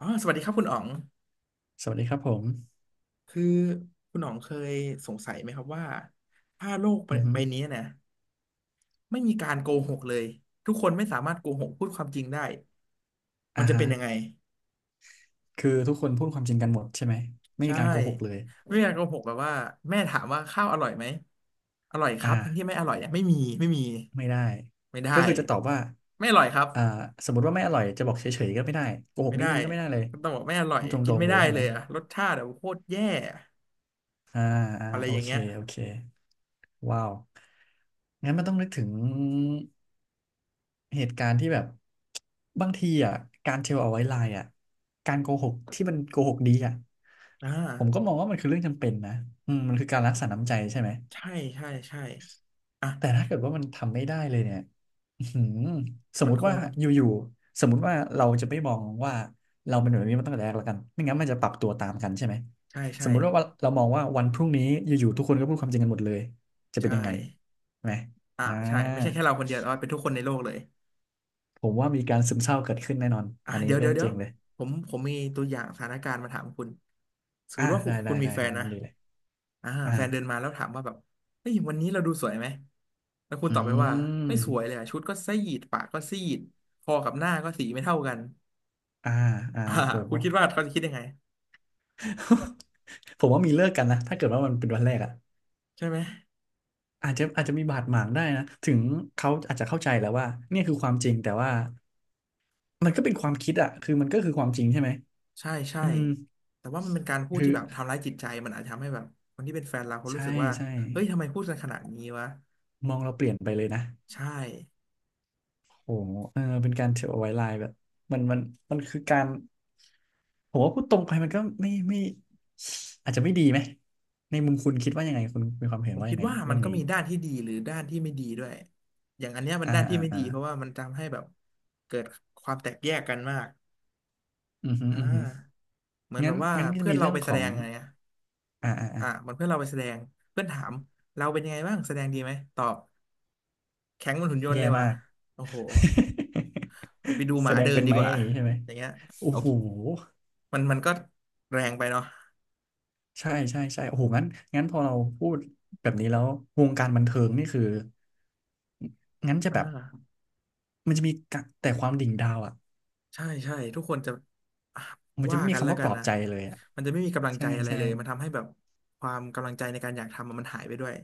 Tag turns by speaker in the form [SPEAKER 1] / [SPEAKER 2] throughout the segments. [SPEAKER 1] อ๋อสวัสดีครับคุณอ๋อง
[SPEAKER 2] สวัสดีครับผม
[SPEAKER 1] คือคุณอ๋องเคยสงสัยไหมครับว่าถ้าโลกใบ
[SPEAKER 2] อือฮึ
[SPEAKER 1] ใบนี้นะไม่มีการโกหกเลยทุกคนไม่สามารถโกหกพูดความจริงได้มั
[SPEAKER 2] อ่า
[SPEAKER 1] นจะ
[SPEAKER 2] ฮะ
[SPEAKER 1] เป็นยังไง
[SPEAKER 2] คือทุกคนพูดความจริงกันหมดใช่ไหม ไม่
[SPEAKER 1] ใช่
[SPEAKER 2] มีการโกหกเลย
[SPEAKER 1] ไม่มีการโกหกแบบว่าแม่ถามว่าข้าวอร่อยไหมอร่อยครั
[SPEAKER 2] อ่า
[SPEAKER 1] บทั้งที่ไม่อร่อยเนี่ยไม่มีไม่มี
[SPEAKER 2] ไม่ได้
[SPEAKER 1] ไม่ได้
[SPEAKER 2] ก็คือจะตอบว่า
[SPEAKER 1] ไม่อร่อยครับ
[SPEAKER 2] อ่าสมมติว่าไม่อร่อยจะบอกเฉยๆก็ไม่ได้ โกหก
[SPEAKER 1] ไม่
[SPEAKER 2] นิ
[SPEAKER 1] ได้
[SPEAKER 2] ดนึงก็ไม่ได้เลย
[SPEAKER 1] ต้องบอกไม่อร่อย
[SPEAKER 2] ต้องต
[SPEAKER 1] กิน
[SPEAKER 2] รง
[SPEAKER 1] ไม่
[SPEAKER 2] ๆเล
[SPEAKER 1] ได้
[SPEAKER 2] ยใช่
[SPEAKER 1] เล
[SPEAKER 2] ไหม
[SPEAKER 1] ยอะรสชาติแบบโคตรแย่
[SPEAKER 2] อ่าอ่า
[SPEAKER 1] อะไร
[SPEAKER 2] โอ
[SPEAKER 1] อย่าง
[SPEAKER 2] เค
[SPEAKER 1] เงี้ย
[SPEAKER 2] โอเค ว้าว งั้นมันต้องนึกถึง เหตุการณ์ที่แบบบางทีอ่ะการเทลเอาไว้ไลน์อ่ะการโกหกที่มันโกหกดีอ่ะ
[SPEAKER 1] อ่า
[SPEAKER 2] ผมก็มองว่ามันคือเรื่องจำเป็นนะอืมมันคือการรักษาน้ำใจใช่ไหม
[SPEAKER 1] ใช่ใช่ใช่อ่ะ
[SPEAKER 2] แต่ถ้าเกิดว่ามันทำไม่ได้เลยเนี่ยอื้อหือสม
[SPEAKER 1] มั
[SPEAKER 2] ม
[SPEAKER 1] น
[SPEAKER 2] ติ
[SPEAKER 1] ค
[SPEAKER 2] ว่า
[SPEAKER 1] ง
[SPEAKER 2] อยู่ๆสมมติว่าเราจะไม่มองว่าเราเป็นแบบนี้มาตั้งแต่แรกแล้วกันไม่งั้นมันจะปรับตัวตามกันใช่ไหม
[SPEAKER 1] ใช่
[SPEAKER 2] ส
[SPEAKER 1] ใช่
[SPEAKER 2] มมุติว่าเรามองว่าวันพรุ่งนี้อยู่ๆทุกคนก็พูดความจริงกันหมดเลยจะเป็น
[SPEAKER 1] ใช่
[SPEAKER 2] ยังไงไหม
[SPEAKER 1] อ่า
[SPEAKER 2] อ่า
[SPEAKER 1] ใช่ไม่ใช่แค่เราคนเดียวแต่ว่าเป็นทุกคนในโลกเลย
[SPEAKER 2] ผมว่ามีการซึมเศร้าเกิดขึ้นแน่นอน
[SPEAKER 1] อ่ะ
[SPEAKER 2] อันนี้
[SPEAKER 1] เดี๋ยว
[SPEAKER 2] เรื่
[SPEAKER 1] เดี๋
[SPEAKER 2] อ
[SPEAKER 1] ยว
[SPEAKER 2] ง
[SPEAKER 1] เดี๋
[SPEAKER 2] จ
[SPEAKER 1] ย
[SPEAKER 2] ริ
[SPEAKER 1] ว
[SPEAKER 2] งเลย
[SPEAKER 1] ผมมีตัวอย่างสถานการณ์มาถามคุณสมม
[SPEAKER 2] อ่า
[SPEAKER 1] ติว่าคุ
[SPEAKER 2] ได้
[SPEAKER 1] ณคุ
[SPEAKER 2] ได้
[SPEAKER 1] ณมี
[SPEAKER 2] ได้
[SPEAKER 1] แฟ
[SPEAKER 2] ครั
[SPEAKER 1] น
[SPEAKER 2] บ
[SPEAKER 1] นะ
[SPEAKER 2] งั้นดีเลย
[SPEAKER 1] อ่า
[SPEAKER 2] อ่า
[SPEAKER 1] แฟนเดินมาแล้วถามว่าแบบเฮ้ยวันนี้เราดูสวยไหมแล้วคุณ
[SPEAKER 2] อื
[SPEAKER 1] ตอบไปว่าไม่สวยเลย
[SPEAKER 2] ม
[SPEAKER 1] อะชุดก็ซีดปากก็ซีดคอกับหน้าก็สีไม่เท่ากัน
[SPEAKER 2] อ่าอ่า
[SPEAKER 1] อ่า
[SPEAKER 2] โห
[SPEAKER 1] คุณคิดว่าเขาจะคิดยังไง
[SPEAKER 2] ผมว่ามีเลิกกันนะถ้าเกิดว่ามันเป็นวันแรกอ่ะ
[SPEAKER 1] ใช่ไหม
[SPEAKER 2] อาจจะมีบาดหมางได้นะถึงเขาอาจจะเข้าใจแล้วว่าเนี่ยคือความจริงแต่ว่ามันก็เป็นความคิดอ่ะคือมันก็คือความจริงใช่ไหม
[SPEAKER 1] ใช่ใช่
[SPEAKER 2] อืม
[SPEAKER 1] แต่ว่ามันเป็นการพูด
[SPEAKER 2] คือ
[SPEAKER 1] ที่แบบทำร้ายจิตใจมันอาจจะทำให้แบบคนที่เป็นแฟนเราเขารู้
[SPEAKER 2] ใช่
[SPEAKER 1] สึกว่า
[SPEAKER 2] ใช่
[SPEAKER 1] เฮ้ยทำไมพูดกันขนาดนี้วะ
[SPEAKER 2] มองเราเปลี่ยนไปเลยนะ
[SPEAKER 1] ใช่
[SPEAKER 2] โอ้โหเออเป็นการเทรดเอาไว้ไลน์แบบมันมันคือการผมว่าพูดตรงไปมันก็ไม่อาจจะไม่ดีไหมในมุมคุณคิดว่ายังไงคุณมีความเห็
[SPEAKER 1] ผ
[SPEAKER 2] น
[SPEAKER 1] ม
[SPEAKER 2] ว่า
[SPEAKER 1] คิ
[SPEAKER 2] ยั
[SPEAKER 1] ด
[SPEAKER 2] งไง
[SPEAKER 1] ว่ามั
[SPEAKER 2] เรื่อ
[SPEAKER 1] น
[SPEAKER 2] ง
[SPEAKER 1] ก็
[SPEAKER 2] นี้
[SPEAKER 1] มีด้านที่ดีหรือด้านที่ไม่ดีด้วย อย่างอันเนี้ยมัน
[SPEAKER 2] อ่า
[SPEAKER 1] ด้านที่
[SPEAKER 2] อ่า
[SPEAKER 1] ไม่
[SPEAKER 2] อ่า
[SPEAKER 1] ดีเพราะว่ามันทำให้แบบเกิดความแตกแยกกันมาก
[SPEAKER 2] อือฮึ
[SPEAKER 1] อ่
[SPEAKER 2] อือฮึ
[SPEAKER 1] าเหมือน
[SPEAKER 2] งั้
[SPEAKER 1] แบ
[SPEAKER 2] น
[SPEAKER 1] บว่า
[SPEAKER 2] งั้นก็จะ
[SPEAKER 1] เพื่อน
[SPEAKER 2] มี
[SPEAKER 1] เรา
[SPEAKER 2] เรื่อง
[SPEAKER 1] ไป
[SPEAKER 2] ข
[SPEAKER 1] แส
[SPEAKER 2] อ
[SPEAKER 1] ด
[SPEAKER 2] ง
[SPEAKER 1] งไงอะ
[SPEAKER 2] อ่าอ่าอ่า
[SPEAKER 1] อ่ะเหมันเพื่อนเราไปแสดงเพื่อนถามเราเป็นยังไงบ้างแสดงดีไหมตอบแข็งเหมันหุ่นยนต์
[SPEAKER 2] แย่
[SPEAKER 1] เลยว่ะ
[SPEAKER 2] มาก
[SPEAKER 1] โอ้โหไปดู ห
[SPEAKER 2] แส
[SPEAKER 1] มา
[SPEAKER 2] ดง
[SPEAKER 1] เดิน
[SPEAKER 2] เป็น
[SPEAKER 1] ดี
[SPEAKER 2] ไหม
[SPEAKER 1] กว่า
[SPEAKER 2] อย่างนี้ใช่ไหม
[SPEAKER 1] อย่างเงี้ย
[SPEAKER 2] โอ้
[SPEAKER 1] โอ้
[SPEAKER 2] โห
[SPEAKER 1] มันก็แรงไปเนาะ
[SPEAKER 2] ใช่ใช่ใช่โอ้โหงั้นงั้นพอเราพูดแบบนี้แล้ววงการบันเทิงนี่คืองั้นจะ
[SPEAKER 1] อ่
[SPEAKER 2] แบบ
[SPEAKER 1] า
[SPEAKER 2] มันจะมีกะแต่ความดิ่งดาวอะ
[SPEAKER 1] ใช่ใช่ทุกคนจะอ่ะ
[SPEAKER 2] มันจะ
[SPEAKER 1] ว่า
[SPEAKER 2] ไม่มี
[SPEAKER 1] กันแล้
[SPEAKER 2] คำ
[SPEAKER 1] ว
[SPEAKER 2] ว่า
[SPEAKER 1] กั
[SPEAKER 2] ปล
[SPEAKER 1] น
[SPEAKER 2] อบ
[SPEAKER 1] นะ
[SPEAKER 2] ใจเลยอ่ะ
[SPEAKER 1] มันจะไม่มีกำลัง
[SPEAKER 2] ใช่
[SPEAKER 1] ใจอะไร
[SPEAKER 2] ใช่
[SPEAKER 1] เลยมันทำให้แบบความกำลังใจในการอยากทำอะมันหายไปด้วย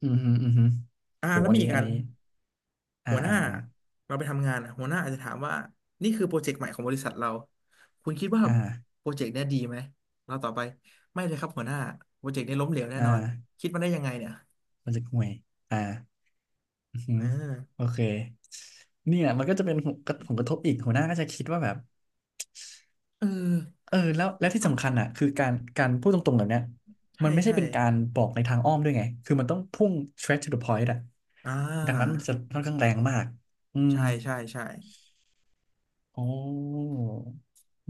[SPEAKER 2] อืมหึออืมฮึ
[SPEAKER 1] อ่า
[SPEAKER 2] โห
[SPEAKER 1] แล้ว
[SPEAKER 2] อัน
[SPEAKER 1] มี
[SPEAKER 2] นี้
[SPEAKER 1] อีก
[SPEAKER 2] อั
[SPEAKER 1] อั
[SPEAKER 2] น
[SPEAKER 1] น
[SPEAKER 2] นี้อ่า
[SPEAKER 1] หัวห
[SPEAKER 2] อ่า
[SPEAKER 1] น้า
[SPEAKER 2] อ่า
[SPEAKER 1] เราไปทำงานอะหัวหน้าอาจจะถามว่านี่คือโปรเจกต์ใหม่ของบริษัทเราคุณคิดว่า
[SPEAKER 2] อ่า
[SPEAKER 1] โปรเจกต์เนี้ยดีไหมเราต่อบไปไม่เลยครับหัวหน้าโปรเจกต์นี้ล้มเหลวแน่
[SPEAKER 2] อ่
[SPEAKER 1] นอน
[SPEAKER 2] า
[SPEAKER 1] คิดมาได้ยังไงเนี่ย
[SPEAKER 2] มันจะห่วยอ่าอือฮึ
[SPEAKER 1] เออ
[SPEAKER 2] โอเคเนี่ยมันก็จะเป็นผลกระผลกระทบอีกหัวหน้าก็จะคิดว่าแบบ
[SPEAKER 1] เออ
[SPEAKER 2] เออแล้วแล้วที่
[SPEAKER 1] ครั
[SPEAKER 2] สำคั
[SPEAKER 1] บ
[SPEAKER 2] ญอ่ะคือการการพูดตรงๆแบบเนี้ย
[SPEAKER 1] ใช่
[SPEAKER 2] มันไม่ใช่
[SPEAKER 1] ใช่
[SPEAKER 2] เป็นการบอกในทางอ้อมด้วยไงคือมันต้องพุ่ง straight to the point อ่ะ
[SPEAKER 1] อ่
[SPEAKER 2] ดังนั้น
[SPEAKER 1] า
[SPEAKER 2] มันจะค่อนข้างแรงมากอืม
[SPEAKER 1] ใช่ใช่ใช่
[SPEAKER 2] อ๋อ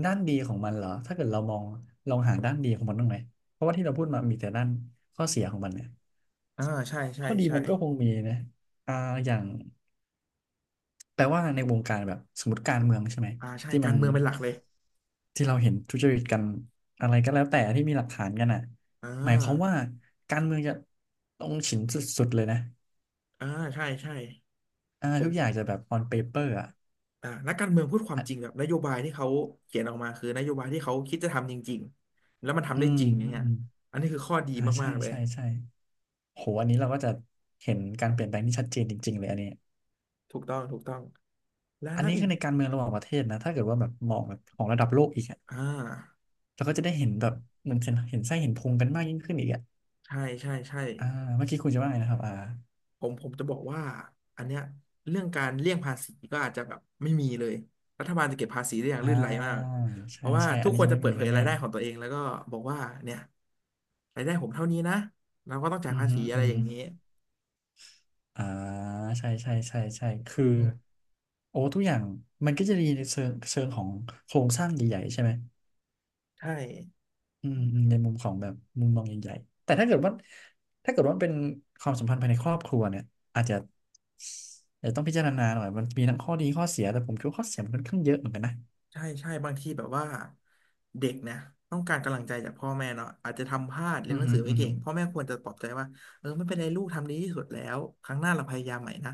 [SPEAKER 2] ด้านดีของมันเหรอถ้าเกิดเรามองลองหาด้านดีของมันบ้างไหมเพราะว่าที่เราพูดมามีแต่ด้านข้อเสียของมันเนี่ย
[SPEAKER 1] อ่าใช่ใช่
[SPEAKER 2] ข้อดี
[SPEAKER 1] ใช่
[SPEAKER 2] มันก็คงมีนะอ่าอย่างแปลว่าในวงการแบบสมมติการเมืองใช่ไหม
[SPEAKER 1] อ่าใช่
[SPEAKER 2] ที่
[SPEAKER 1] กา
[SPEAKER 2] มัน
[SPEAKER 1] รเมืองเป็นหลักเลย
[SPEAKER 2] ที่เราเห็นทุจริตกันอะไรก็แล้วแต่ที่มีหลักฐานกันอ่ะ
[SPEAKER 1] อ่
[SPEAKER 2] หมายความ
[SPEAKER 1] า
[SPEAKER 2] ว่าการเมืองจะต้องฉินสุดๆเลยนะ
[SPEAKER 1] อ่าใช่ใช่
[SPEAKER 2] อ่า
[SPEAKER 1] ผ
[SPEAKER 2] ทุกอย่าง
[SPEAKER 1] ม
[SPEAKER 2] จะแบบ on paper อ่ะ
[SPEAKER 1] อ่านักการเมืองพูดความ
[SPEAKER 2] อ่ะ
[SPEAKER 1] จริงแบบนโยบายที่เขาเขียนออกมาคือนโยบายที่เขาคิดจะทำจริงๆแล้วมันทำ
[SPEAKER 2] อื
[SPEAKER 1] ได้
[SPEAKER 2] ม
[SPEAKER 1] จริงอย่าง
[SPEAKER 2] อื
[SPEAKER 1] เงี้ย
[SPEAKER 2] ม
[SPEAKER 1] อันนี้คือข้อดี
[SPEAKER 2] อ่าใช่
[SPEAKER 1] มากๆเลย
[SPEAKER 2] ใช่ใช่ โหอันนี้เราก็จะเห็นการเปลี่ยนแปลงที่ชัดเจนจริงๆเลยอันนี้
[SPEAKER 1] ถูกต้องถูกต้องและ
[SPEAKER 2] อัน
[SPEAKER 1] และ
[SPEAKER 2] นี้
[SPEAKER 1] อี
[SPEAKER 2] คื
[SPEAKER 1] ก
[SPEAKER 2] อในการเมืองระหว่างประเทศนะ ถ้าเกิดว่าแบบมองแบบของระดับโลกอีกอะ
[SPEAKER 1] อ่า
[SPEAKER 2] เราก็จะได้เห็นแบบเหมือนเห็นไส้เห็นพุงกันมากยิ่งขึ้นอีกอะ
[SPEAKER 1] ใช่ใช่ใช่
[SPEAKER 2] อ่าเมื่อกี้คุณจะว่าไงนะครับอ่า
[SPEAKER 1] ผมจะบอกว่าอันเนี้ยเรื่องการเลี่ยงภาษีก็อาจจะแบบไม่มีเลยรัฐบาลจะเก็บภาษีได้อย่าง
[SPEAKER 2] อ่
[SPEAKER 1] ลื่นไหลมา
[SPEAKER 2] า
[SPEAKER 1] กเพ
[SPEAKER 2] ใช่
[SPEAKER 1] ราะว่า
[SPEAKER 2] ใช่
[SPEAKER 1] ทุ
[SPEAKER 2] อัน
[SPEAKER 1] ก
[SPEAKER 2] นี้
[SPEAKER 1] คน
[SPEAKER 2] จะ
[SPEAKER 1] จะ
[SPEAKER 2] ไม่
[SPEAKER 1] เปิ
[SPEAKER 2] มี
[SPEAKER 1] ดเผยรา
[SPEAKER 2] แน่
[SPEAKER 1] ยได้ของตัวเองแล้วก็บอกว่าเนี่ยรายได้ผมเท่านี้นะเราก็ต้อง
[SPEAKER 2] ๆ
[SPEAKER 1] จ่าย
[SPEAKER 2] อือ
[SPEAKER 1] ภา
[SPEAKER 2] ฮึ
[SPEAKER 1] ษีอะ
[SPEAKER 2] อื
[SPEAKER 1] ไร
[SPEAKER 2] อ
[SPEAKER 1] อ
[SPEAKER 2] ฮึ
[SPEAKER 1] ย่างนี้
[SPEAKER 2] อ่าใช่ใช่ใช่ใช่คือ โอ้ทุกอย่างมันก็จะดีในเชิงของโครงสร้างใหญ่ๆใช่ไหม
[SPEAKER 1] ใช่
[SPEAKER 2] อืมอืมในมุมของแบบมุมมองใหญ่ๆแต่ถ้าเกิดว่ามันเป็นความสัมพันธ์ภายในครอบครัวเนี่ยอาจจะอาจจะต้องพิจารณาหน่อยมันมีทั้งข้อดีข้อเสียแต่ผมคิดว่าข้อเสียมันค่อนข้างเยอะเหมือนกันนะ
[SPEAKER 1] ใช่ใช่บางทีแบบว่าเด็กนะต้องการกำลังใจจากพ่อแม่เนาะอาจจะทำพลาดเรี
[SPEAKER 2] อื
[SPEAKER 1] ยนห
[SPEAKER 2] อ
[SPEAKER 1] นัง
[SPEAKER 2] ฮึ
[SPEAKER 1] สือไม่
[SPEAKER 2] อือ
[SPEAKER 1] เก่
[SPEAKER 2] ฮึ
[SPEAKER 1] งพ่อแม่ควรจะปลอบใจว่าเออไม่เป็นไรลูกทำดีที่สุดแล้วครั้งหน้าเราพยายามใหม่นะ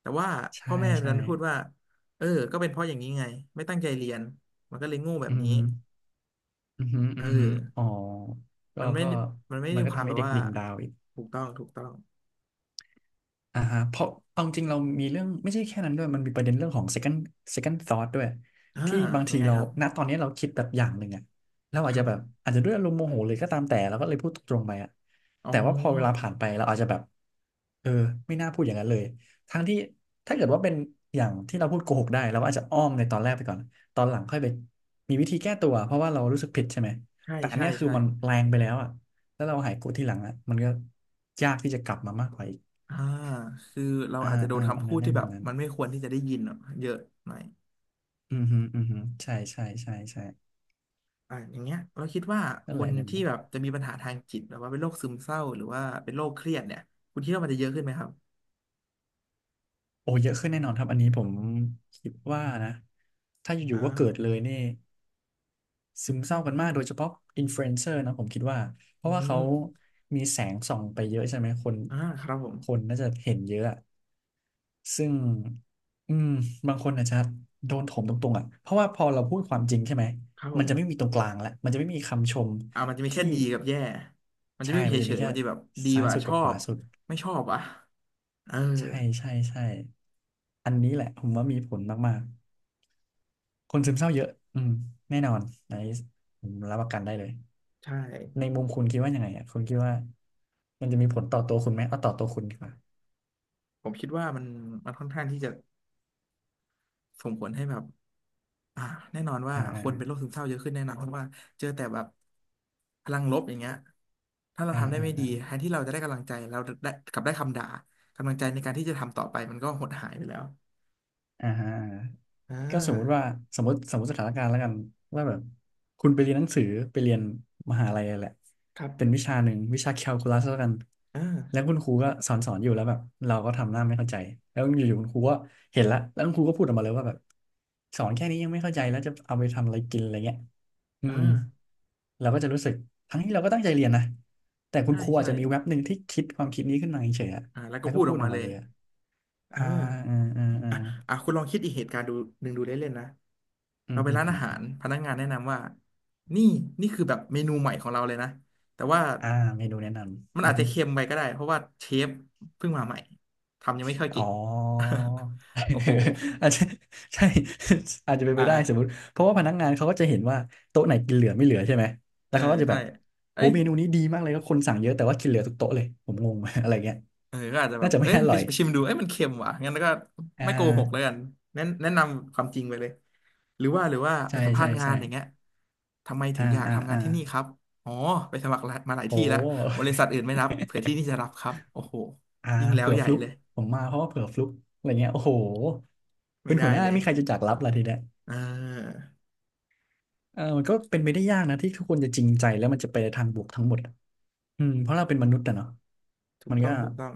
[SPEAKER 1] แต่ว่า
[SPEAKER 2] ใช่
[SPEAKER 1] พ่อแม่
[SPEAKER 2] ใช่
[SPEAKER 1] ดันพูดว่าเออก็เป็นเพราะอย่างนี้ไงไม่ตั้งใจเรียนมันก็เลยโง่แบ
[SPEAKER 2] อื
[SPEAKER 1] บ
[SPEAKER 2] อ
[SPEAKER 1] นี้
[SPEAKER 2] ฮึอือฮึ
[SPEAKER 1] เอ
[SPEAKER 2] อื
[SPEAKER 1] อ
[SPEAKER 2] อฮึอ๋อก็
[SPEAKER 1] มันไม่
[SPEAKER 2] ก็
[SPEAKER 1] มันไม่
[SPEAKER 2] มั
[SPEAKER 1] ได้
[SPEAKER 2] นก็
[SPEAKER 1] ความ
[SPEAKER 2] ทำ
[SPEAKER 1] แบ
[SPEAKER 2] ให้
[SPEAKER 1] บ
[SPEAKER 2] เด็ก
[SPEAKER 1] ว่า
[SPEAKER 2] ดิ่งดาวอีก
[SPEAKER 1] ถูกต้องถูกต้อง
[SPEAKER 2] อ่าฮะเพราะเอาจริงเรามีเรื่องไม่ใช่แค่นั้นด้วยมันมีประเด็นเรื่องของ second second thought ด้วย
[SPEAKER 1] อ่า
[SPEAKER 2] ที่บาง
[SPEAKER 1] ยั
[SPEAKER 2] ที
[SPEAKER 1] งไง
[SPEAKER 2] เรา
[SPEAKER 1] ครับ
[SPEAKER 2] ณตอนนี้เราคิดแบบอย่างหนึ่งอะเรา
[SPEAKER 1] ค
[SPEAKER 2] อาจ
[SPEAKER 1] รั
[SPEAKER 2] จะแบบ
[SPEAKER 1] บ
[SPEAKER 2] อาจจะด้วยอารมณ์โมโหเลยก็ตามแต่เราก็เลยพูดตรงๆไปอะ
[SPEAKER 1] อ๋อ
[SPEAKER 2] แต่ว่าพอเวลาผ่านไปเราอาจจะแบบเออไม่น่าพูดอย่างนั้นเลยทั้งที่ถ้าเกิดว่าเป็นอย่างที่เราพูดโกหกได้เราก็อาจจะอ้อมในตอนแรกไปก่อนตอนหลังค่อยไปมีวิธีแก้ตัวเพราะว่าเรารู้สึกผิดใช่ไหม
[SPEAKER 1] ใช่
[SPEAKER 2] แต่อัน
[SPEAKER 1] ใช่
[SPEAKER 2] เนี้ยคือ
[SPEAKER 1] ใช่
[SPEAKER 2] มันแรงไปแล้วอะแล้วเราหายโกรธทีหลังอะมันก็ยากที่จะกลับมามากกว่าอีก
[SPEAKER 1] อ่าคือเรา
[SPEAKER 2] อ่า
[SPEAKER 1] อาจจะโด
[SPEAKER 2] อ่า
[SPEAKER 1] นคำ
[SPEAKER 2] อัน
[SPEAKER 1] พู
[SPEAKER 2] นั้
[SPEAKER 1] ด
[SPEAKER 2] นใน
[SPEAKER 1] ที่แบ
[SPEAKER 2] มุม
[SPEAKER 1] บ
[SPEAKER 2] นั้น
[SPEAKER 1] มันไม่ควรที่จะได้ยินอะเยอะหน่อย
[SPEAKER 2] อืมฮึอืมฮึใช่ใช่ใช่ใช่
[SPEAKER 1] อ่าอย่างเงี้ยเราคิดว่าค
[SPEAKER 2] นั่นแห
[SPEAKER 1] น
[SPEAKER 2] ละใน
[SPEAKER 1] ที่
[SPEAKER 2] มุม
[SPEAKER 1] แบบจะมีปัญหาทางจิตหรือว่าเป็นโรคซึมเศร้าหรือว่าเป็นโรคเครียดเนี่ยคุณคิดว่ามันจะเยอะขึ้นไหมครับ
[SPEAKER 2] โอ้เยอะขึ้นแน่นอนครับอันนี้ผมคิดว่านะถ้าอ
[SPEAKER 1] อ่
[SPEAKER 2] ยู่ๆก็เกิดเล
[SPEAKER 1] า
[SPEAKER 2] ยนี่ซึมเศร้ากันมากโดยเฉพาะอินฟลูเอนเซอร์นะผมคิดว่าเพ
[SPEAKER 1] อื
[SPEAKER 2] ราะว่า
[SPEAKER 1] ม
[SPEAKER 2] เขามีแสงส่องไปเยอะใช่ไหมคน
[SPEAKER 1] อ่าครับผม
[SPEAKER 2] คนน่าจะเห็นเยอะ ซึ่งอืมบางคนอาจจะโดนถมตรงๆอ่ะเพราะว่าพอเราพูดความจริงใช่ไหม
[SPEAKER 1] ครับผ
[SPEAKER 2] มัน
[SPEAKER 1] ม
[SPEAKER 2] จะไม่มีตรงกลางแล้วมันจะไม่มีคำชม
[SPEAKER 1] อ่ามันจะมีแค่
[SPEAKER 2] ที่
[SPEAKER 1] ดีกับแย่มันจะ
[SPEAKER 2] ใช่
[SPEAKER 1] ไม่มี
[SPEAKER 2] มันจะ
[SPEAKER 1] เฉ
[SPEAKER 2] มี
[SPEAKER 1] ยๆ
[SPEAKER 2] แค่
[SPEAKER 1] มันจะแบบดี
[SPEAKER 2] ซ้าย
[SPEAKER 1] ว่ะ
[SPEAKER 2] สุด
[SPEAKER 1] ช
[SPEAKER 2] กับ
[SPEAKER 1] อ
[SPEAKER 2] ข
[SPEAKER 1] บ
[SPEAKER 2] วาสุด
[SPEAKER 1] ไม่ชอบว่ะเออ
[SPEAKER 2] ใช่ใช่ใช่อันนี้แหละผมว่ามีผลมากๆคนซึมเศร้าเยอะอืมแน่นอนอันนี้ผมรับประกันได้เลย
[SPEAKER 1] ใช่
[SPEAKER 2] ในมุมคุณคิดว่ายังไงอ่ะคุณคิดว่ามันจะมีผลต่อตัวคุณไหมเอาต่อตัวคุณดีกว่า
[SPEAKER 1] ผมคิดว่ามันค่อนข้างที่จะส่งผลให้แบบ อ่าแน่นอนว่า
[SPEAKER 2] อ่า
[SPEAKER 1] ค
[SPEAKER 2] อ่า
[SPEAKER 1] นเป็นโรคซึมเศร้าเยอะขึ้นแน่นอนเพราะว่าเจอแต่แบบพลังลบอย่างเงี้ยถ้าเรา
[SPEAKER 2] อ่า
[SPEAKER 1] ทำได้
[SPEAKER 2] อ่า
[SPEAKER 1] ไม่ดี
[SPEAKER 2] อ่า
[SPEAKER 1] แทนที่เราจะได้กำลังใจเราได้กลับได้คำด่ากำลังใจในการที่จะทำต่อไปมันก็หดหายไปแล้ว
[SPEAKER 2] ฮะ
[SPEAKER 1] อ่
[SPEAKER 2] ก็สมมุติว่า
[SPEAKER 1] า
[SPEAKER 2] สมมติสถานการณ์แล้วกันว่าแบบคุณไปเรียนหนังสือไปเรียนมหาลัยอะไรแหละ
[SPEAKER 1] ครับ
[SPEAKER 2] เป็นวิชาหนึ่งวิชาแคลคูลัสแล้วกันแล้ว
[SPEAKER 1] อ่า
[SPEAKER 2] คุณครูก็สอนอยู่แล้วแบบเราก็ทำหน้าไม่เข้าใจแล้วอยู่ๆคุณครูก็เห็นละแล้วคุณครูก็พูดออกมาเลยว่าแบบสอนแค่นี้ยังไม่เข้าใจแล้วจะเอาไปทำอะไรกินอะไรเงี้ยอื
[SPEAKER 1] อ่
[SPEAKER 2] ม
[SPEAKER 1] า
[SPEAKER 2] เราก็จะรู้สึกทั้งที่เราก็ตั้งใจเรียนนะแต่คุณ
[SPEAKER 1] ใช่
[SPEAKER 2] ครูอา
[SPEAKER 1] ใช่
[SPEAKER 2] จจะมีแว็บหนึ่งที่คิดความคิดนี้ขึ้นมาเฉยๆอะ
[SPEAKER 1] อ่าแล้ว
[SPEAKER 2] แล้
[SPEAKER 1] ก็
[SPEAKER 2] วก็
[SPEAKER 1] พูด
[SPEAKER 2] พู
[SPEAKER 1] ออ
[SPEAKER 2] ด
[SPEAKER 1] ก
[SPEAKER 2] ออ
[SPEAKER 1] มา
[SPEAKER 2] ก
[SPEAKER 1] เล
[SPEAKER 2] มาเล
[SPEAKER 1] ย
[SPEAKER 2] ยอะ
[SPEAKER 1] อ่
[SPEAKER 2] อ่าอื
[SPEAKER 1] า
[SPEAKER 2] มอืมอื
[SPEAKER 1] อ่ะ
[SPEAKER 2] ม
[SPEAKER 1] อ่ะคุณลองคิดอีกเหตุการณ์ดูหนึ่งดูเล่นๆนะ
[SPEAKER 2] อื
[SPEAKER 1] เรา
[SPEAKER 2] ม
[SPEAKER 1] ไป
[SPEAKER 2] อื
[SPEAKER 1] ร้านอาหาร
[SPEAKER 2] ม
[SPEAKER 1] พนักงานแนะนำว่านี่นี่คือแบบเมนูใหม่ของเราเลยนะแต่ว่า
[SPEAKER 2] อ่าเมนูแนะน
[SPEAKER 1] มั
[SPEAKER 2] ำ
[SPEAKER 1] น
[SPEAKER 2] อื
[SPEAKER 1] อา
[SPEAKER 2] อ
[SPEAKER 1] จ
[SPEAKER 2] ฮึ
[SPEAKER 1] จะเค็มไปก็ได้เพราะว่าเชฟเพิ่งมาใหม่ทำยังไม่ค่อย
[SPEAKER 2] อ๋
[SPEAKER 1] เก่
[SPEAKER 2] อ
[SPEAKER 1] ง โอ้โห
[SPEAKER 2] อาจจะใช่ อาจจะเป็นไป
[SPEAKER 1] อ่า
[SPEAKER 2] ได้สมมติเพราะว่าพนักงานเขาก็จะเห็นว่าโต๊ะไหนกินเหลือไม่เหลือใช่ไหม
[SPEAKER 1] เอ
[SPEAKER 2] แล้
[SPEAKER 1] อ
[SPEAKER 2] วเขาก็จะ
[SPEAKER 1] ใช่
[SPEAKER 2] แบบ
[SPEAKER 1] เอ้
[SPEAKER 2] โอ้
[SPEAKER 1] ย
[SPEAKER 2] เมนูนี้ดีมากเลยก็คนสั่งเยอะแต่ว่ากินเหลือทุกโต๊ะเลยผมงง อะไรเงี้ย
[SPEAKER 1] เออก็อาจจะแบ
[SPEAKER 2] น่า
[SPEAKER 1] บ
[SPEAKER 2] จะ
[SPEAKER 1] เอ้
[SPEAKER 2] ไม่
[SPEAKER 1] ย
[SPEAKER 2] อ
[SPEAKER 1] ไป
[SPEAKER 2] ร่อย
[SPEAKER 1] ไปชิมดูเอ้ยมันเค็มว่ะงั้นก็
[SPEAKER 2] อ่
[SPEAKER 1] ไม่โกหกแล้ว
[SPEAKER 2] า
[SPEAKER 1] กันแนะนำความจริงไปเลยหรือว่าไป
[SPEAKER 2] ใช่
[SPEAKER 1] สัมภา
[SPEAKER 2] ใช่
[SPEAKER 1] ษณ์งาน
[SPEAKER 2] ใช่
[SPEAKER 1] อย่างเงี้ยทำไมถึ
[SPEAKER 2] อ่า
[SPEAKER 1] งอยาก
[SPEAKER 2] อ่า
[SPEAKER 1] ทำงาน
[SPEAKER 2] อ่า
[SPEAKER 1] ที่นี่ครับ อ๋อไปสมัครหลายมาหลาย
[SPEAKER 2] โอ้
[SPEAKER 1] ที่แล้วบริษัทอื่นไม่รับเผื่อที่นี่จะรั บครับโอ้โห
[SPEAKER 2] อ่า
[SPEAKER 1] ยิ่งแล้ว
[SPEAKER 2] เผื่อ
[SPEAKER 1] ใหญ่
[SPEAKER 2] ฟลุก
[SPEAKER 1] เลย
[SPEAKER 2] ผมมาเพราะว่าเผื่อฟลุกอะไรเงี้ยโอ้โห
[SPEAKER 1] ไม่
[SPEAKER 2] เป็น
[SPEAKER 1] ได้
[SPEAKER 2] หัวหน้า
[SPEAKER 1] เลย
[SPEAKER 2] มีใครจะจากรับล่ะทีเนี้ย
[SPEAKER 1] เออ
[SPEAKER 2] เออมันก็เป็นไปได้ยากนะที่ทุกคนจะจริงใจแล้วมันจะไปในทางบวกทั้งหมดอะอืมเพราะเราเป็นมนุษย์อะเนาะ
[SPEAKER 1] ถูก
[SPEAKER 2] มัน
[SPEAKER 1] ต้อ
[SPEAKER 2] ก็
[SPEAKER 1] งถูกต้อง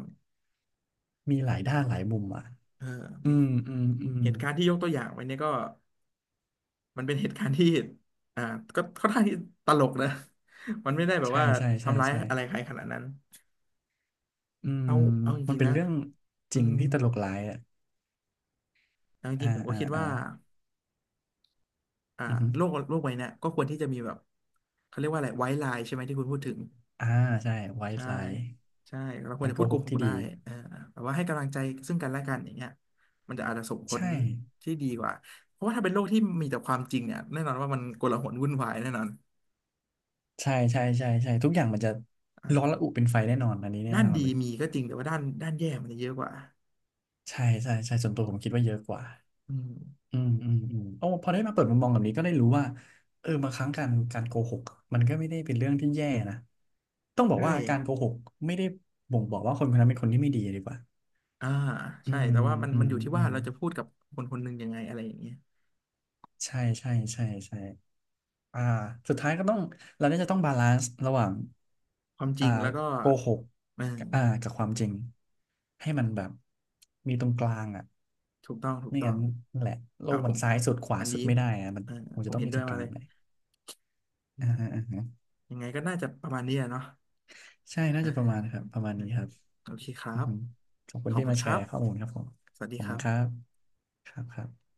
[SPEAKER 2] มีหลายด้านหลายมุมอ่ะ
[SPEAKER 1] เอ
[SPEAKER 2] อืม
[SPEAKER 1] อ
[SPEAKER 2] อืมอืม
[SPEAKER 1] เหตุการณ์ที่ยกตัวอย่างไว้เนี่ยก็มันเป็นเหตุการณ์ที่อ่าก็ค่อนข้างที่ตลกนะ มันไม่ได้แบบ
[SPEAKER 2] ใช่
[SPEAKER 1] ว่า
[SPEAKER 2] ใช่ใช่
[SPEAKER 1] ทำร้าย
[SPEAKER 2] ใช่
[SPEAKER 1] อะไรใครขนาดนั้น
[SPEAKER 2] อืม
[SPEAKER 1] เอาเอาจ
[SPEAKER 2] มัน
[SPEAKER 1] ริง
[SPEAKER 2] เป็
[SPEAKER 1] ๆ
[SPEAKER 2] น
[SPEAKER 1] นะ
[SPEAKER 2] เรื่อง
[SPEAKER 1] อื
[SPEAKER 2] จริง
[SPEAKER 1] ม
[SPEAKER 2] ที่ตลกร้ายอ่ะ
[SPEAKER 1] เอาจ
[SPEAKER 2] อ่า
[SPEAKER 1] ริงๆผมก็
[SPEAKER 2] อ่า
[SPEAKER 1] คิด
[SPEAKER 2] อ่า
[SPEAKER 1] ว่าอ่า
[SPEAKER 2] อือฮึ
[SPEAKER 1] โลกโลกใบเนี้ยก็ควรที่จะมีแบบเขาเรียกว่าอะไรไว้ไลน์ใช่ไหมที่คุณพูดถึง
[SPEAKER 2] อ่าใช่ไว
[SPEAKER 1] ใช่
[SPEAKER 2] ท์ไลน์
[SPEAKER 1] ใช่เราควร
[SPEAKER 2] การ
[SPEAKER 1] จะ
[SPEAKER 2] โก
[SPEAKER 1] พูดโก
[SPEAKER 2] หก
[SPEAKER 1] หก
[SPEAKER 2] ที่
[SPEAKER 1] ได้
[SPEAKER 2] ดี
[SPEAKER 1] เออแต่ว่าให้กำลังใจซึ่งกันและกันอย่างเงี้ยมันจะอาจจะส่งผล
[SPEAKER 2] ใช่
[SPEAKER 1] ที่ดีกว่าเพราะว่าถ้าเป็นโลกที่มีแต่ความจริงเนี่ยแน่นอนว่ามันโกลาหลวุ่นวายแน่นอน
[SPEAKER 2] ใช่ใช่ใช่ใช่ทุกอย่างมันจะร้อน
[SPEAKER 1] อ่า
[SPEAKER 2] ระอุเป็นไฟแน่นอนอันนี้แน่
[SPEAKER 1] ด้าน
[SPEAKER 2] นอน
[SPEAKER 1] ดี
[SPEAKER 2] เลย
[SPEAKER 1] มีก็จริงแต่ว่าด้านแย่มันจะเยอะกว่า
[SPEAKER 2] ใช่ใช่ใช่ส่วนตัวผมคิดว่าเยอะกว่า
[SPEAKER 1] อืม
[SPEAKER 2] อืมอืมอืมโอ้พอได้มาเปิดมุมมองแบบนี้ก็ได้รู้ว่าเออบางครั้งการโกหกมันก็ไม่ได้เป็นเรื่องที่แย่นะต้องบอก
[SPEAKER 1] ใช่
[SPEAKER 2] ว่าการโกหกไม่ได้บ่งบอกว่าคนคนนั้นเป็นคนที่ไม่ดีดีกว่า
[SPEAKER 1] อ่า
[SPEAKER 2] อื
[SPEAKER 1] ใช่
[SPEAKER 2] ม
[SPEAKER 1] แต่ว่ามัน
[SPEAKER 2] อื
[SPEAKER 1] มัน
[SPEAKER 2] ม
[SPEAKER 1] อยู่ที่
[SPEAKER 2] อื
[SPEAKER 1] ว่า
[SPEAKER 2] ม
[SPEAKER 1] เราจะพูดกับคนคนหนึ่งยังไงอะไรอย่างเงี้ย
[SPEAKER 2] ใช่ใช่ใช่ใช่อ่าสุดท้ายก็ต้องเราน่าจะต้องบาลานซ์ระหว่าง
[SPEAKER 1] ความจ
[SPEAKER 2] อ่า
[SPEAKER 1] ริงแล้วก็
[SPEAKER 2] โกหก
[SPEAKER 1] เออ
[SPEAKER 2] กับอ่ากับความจริงให้มันแบบมีตรงกลางอ่ะ
[SPEAKER 1] ถูกต้องถูก
[SPEAKER 2] ไม่
[SPEAKER 1] ต้อ
[SPEAKER 2] งั้
[SPEAKER 1] ง
[SPEAKER 2] นนั่นแหละโล
[SPEAKER 1] อ่า
[SPEAKER 2] ก
[SPEAKER 1] ผ
[SPEAKER 2] มัน
[SPEAKER 1] ม
[SPEAKER 2] ซ้ายสุดขวา
[SPEAKER 1] อัน
[SPEAKER 2] สุ
[SPEAKER 1] นี้
[SPEAKER 2] ดไม่ได้อะมัน
[SPEAKER 1] เออ
[SPEAKER 2] คง
[SPEAKER 1] ผ
[SPEAKER 2] จะ
[SPEAKER 1] ม
[SPEAKER 2] ต้อง
[SPEAKER 1] เห็น
[SPEAKER 2] มี
[SPEAKER 1] ด้ว
[SPEAKER 2] ตร
[SPEAKER 1] ย
[SPEAKER 2] งก
[SPEAKER 1] มา
[SPEAKER 2] ลา
[SPEAKER 1] เล
[SPEAKER 2] ง
[SPEAKER 1] ย
[SPEAKER 2] เลย
[SPEAKER 1] อื
[SPEAKER 2] อ่า
[SPEAKER 1] ม
[SPEAKER 2] ฮะ
[SPEAKER 1] ยังไงก็น่าจะประมาณนี้อะเนาะ
[SPEAKER 2] ใช่น่า
[SPEAKER 1] เออ
[SPEAKER 2] จะประมาณครับประมาณ
[SPEAKER 1] เออ
[SPEAKER 2] นี้ครับ
[SPEAKER 1] โอเคครั
[SPEAKER 2] อือ
[SPEAKER 1] บ
[SPEAKER 2] ฮึขอบคุ
[SPEAKER 1] ข
[SPEAKER 2] ณ
[SPEAKER 1] อบ
[SPEAKER 2] ที่
[SPEAKER 1] คุณ
[SPEAKER 2] มา
[SPEAKER 1] ค
[SPEAKER 2] แช
[SPEAKER 1] รับ
[SPEAKER 2] ร์ข้อมูลครับผม
[SPEAKER 1] สวัส
[SPEAKER 2] ข
[SPEAKER 1] ดี
[SPEAKER 2] อบ
[SPEAKER 1] ค
[SPEAKER 2] คุ
[SPEAKER 1] รั
[SPEAKER 2] ณ
[SPEAKER 1] บ
[SPEAKER 2] ครับครับครับ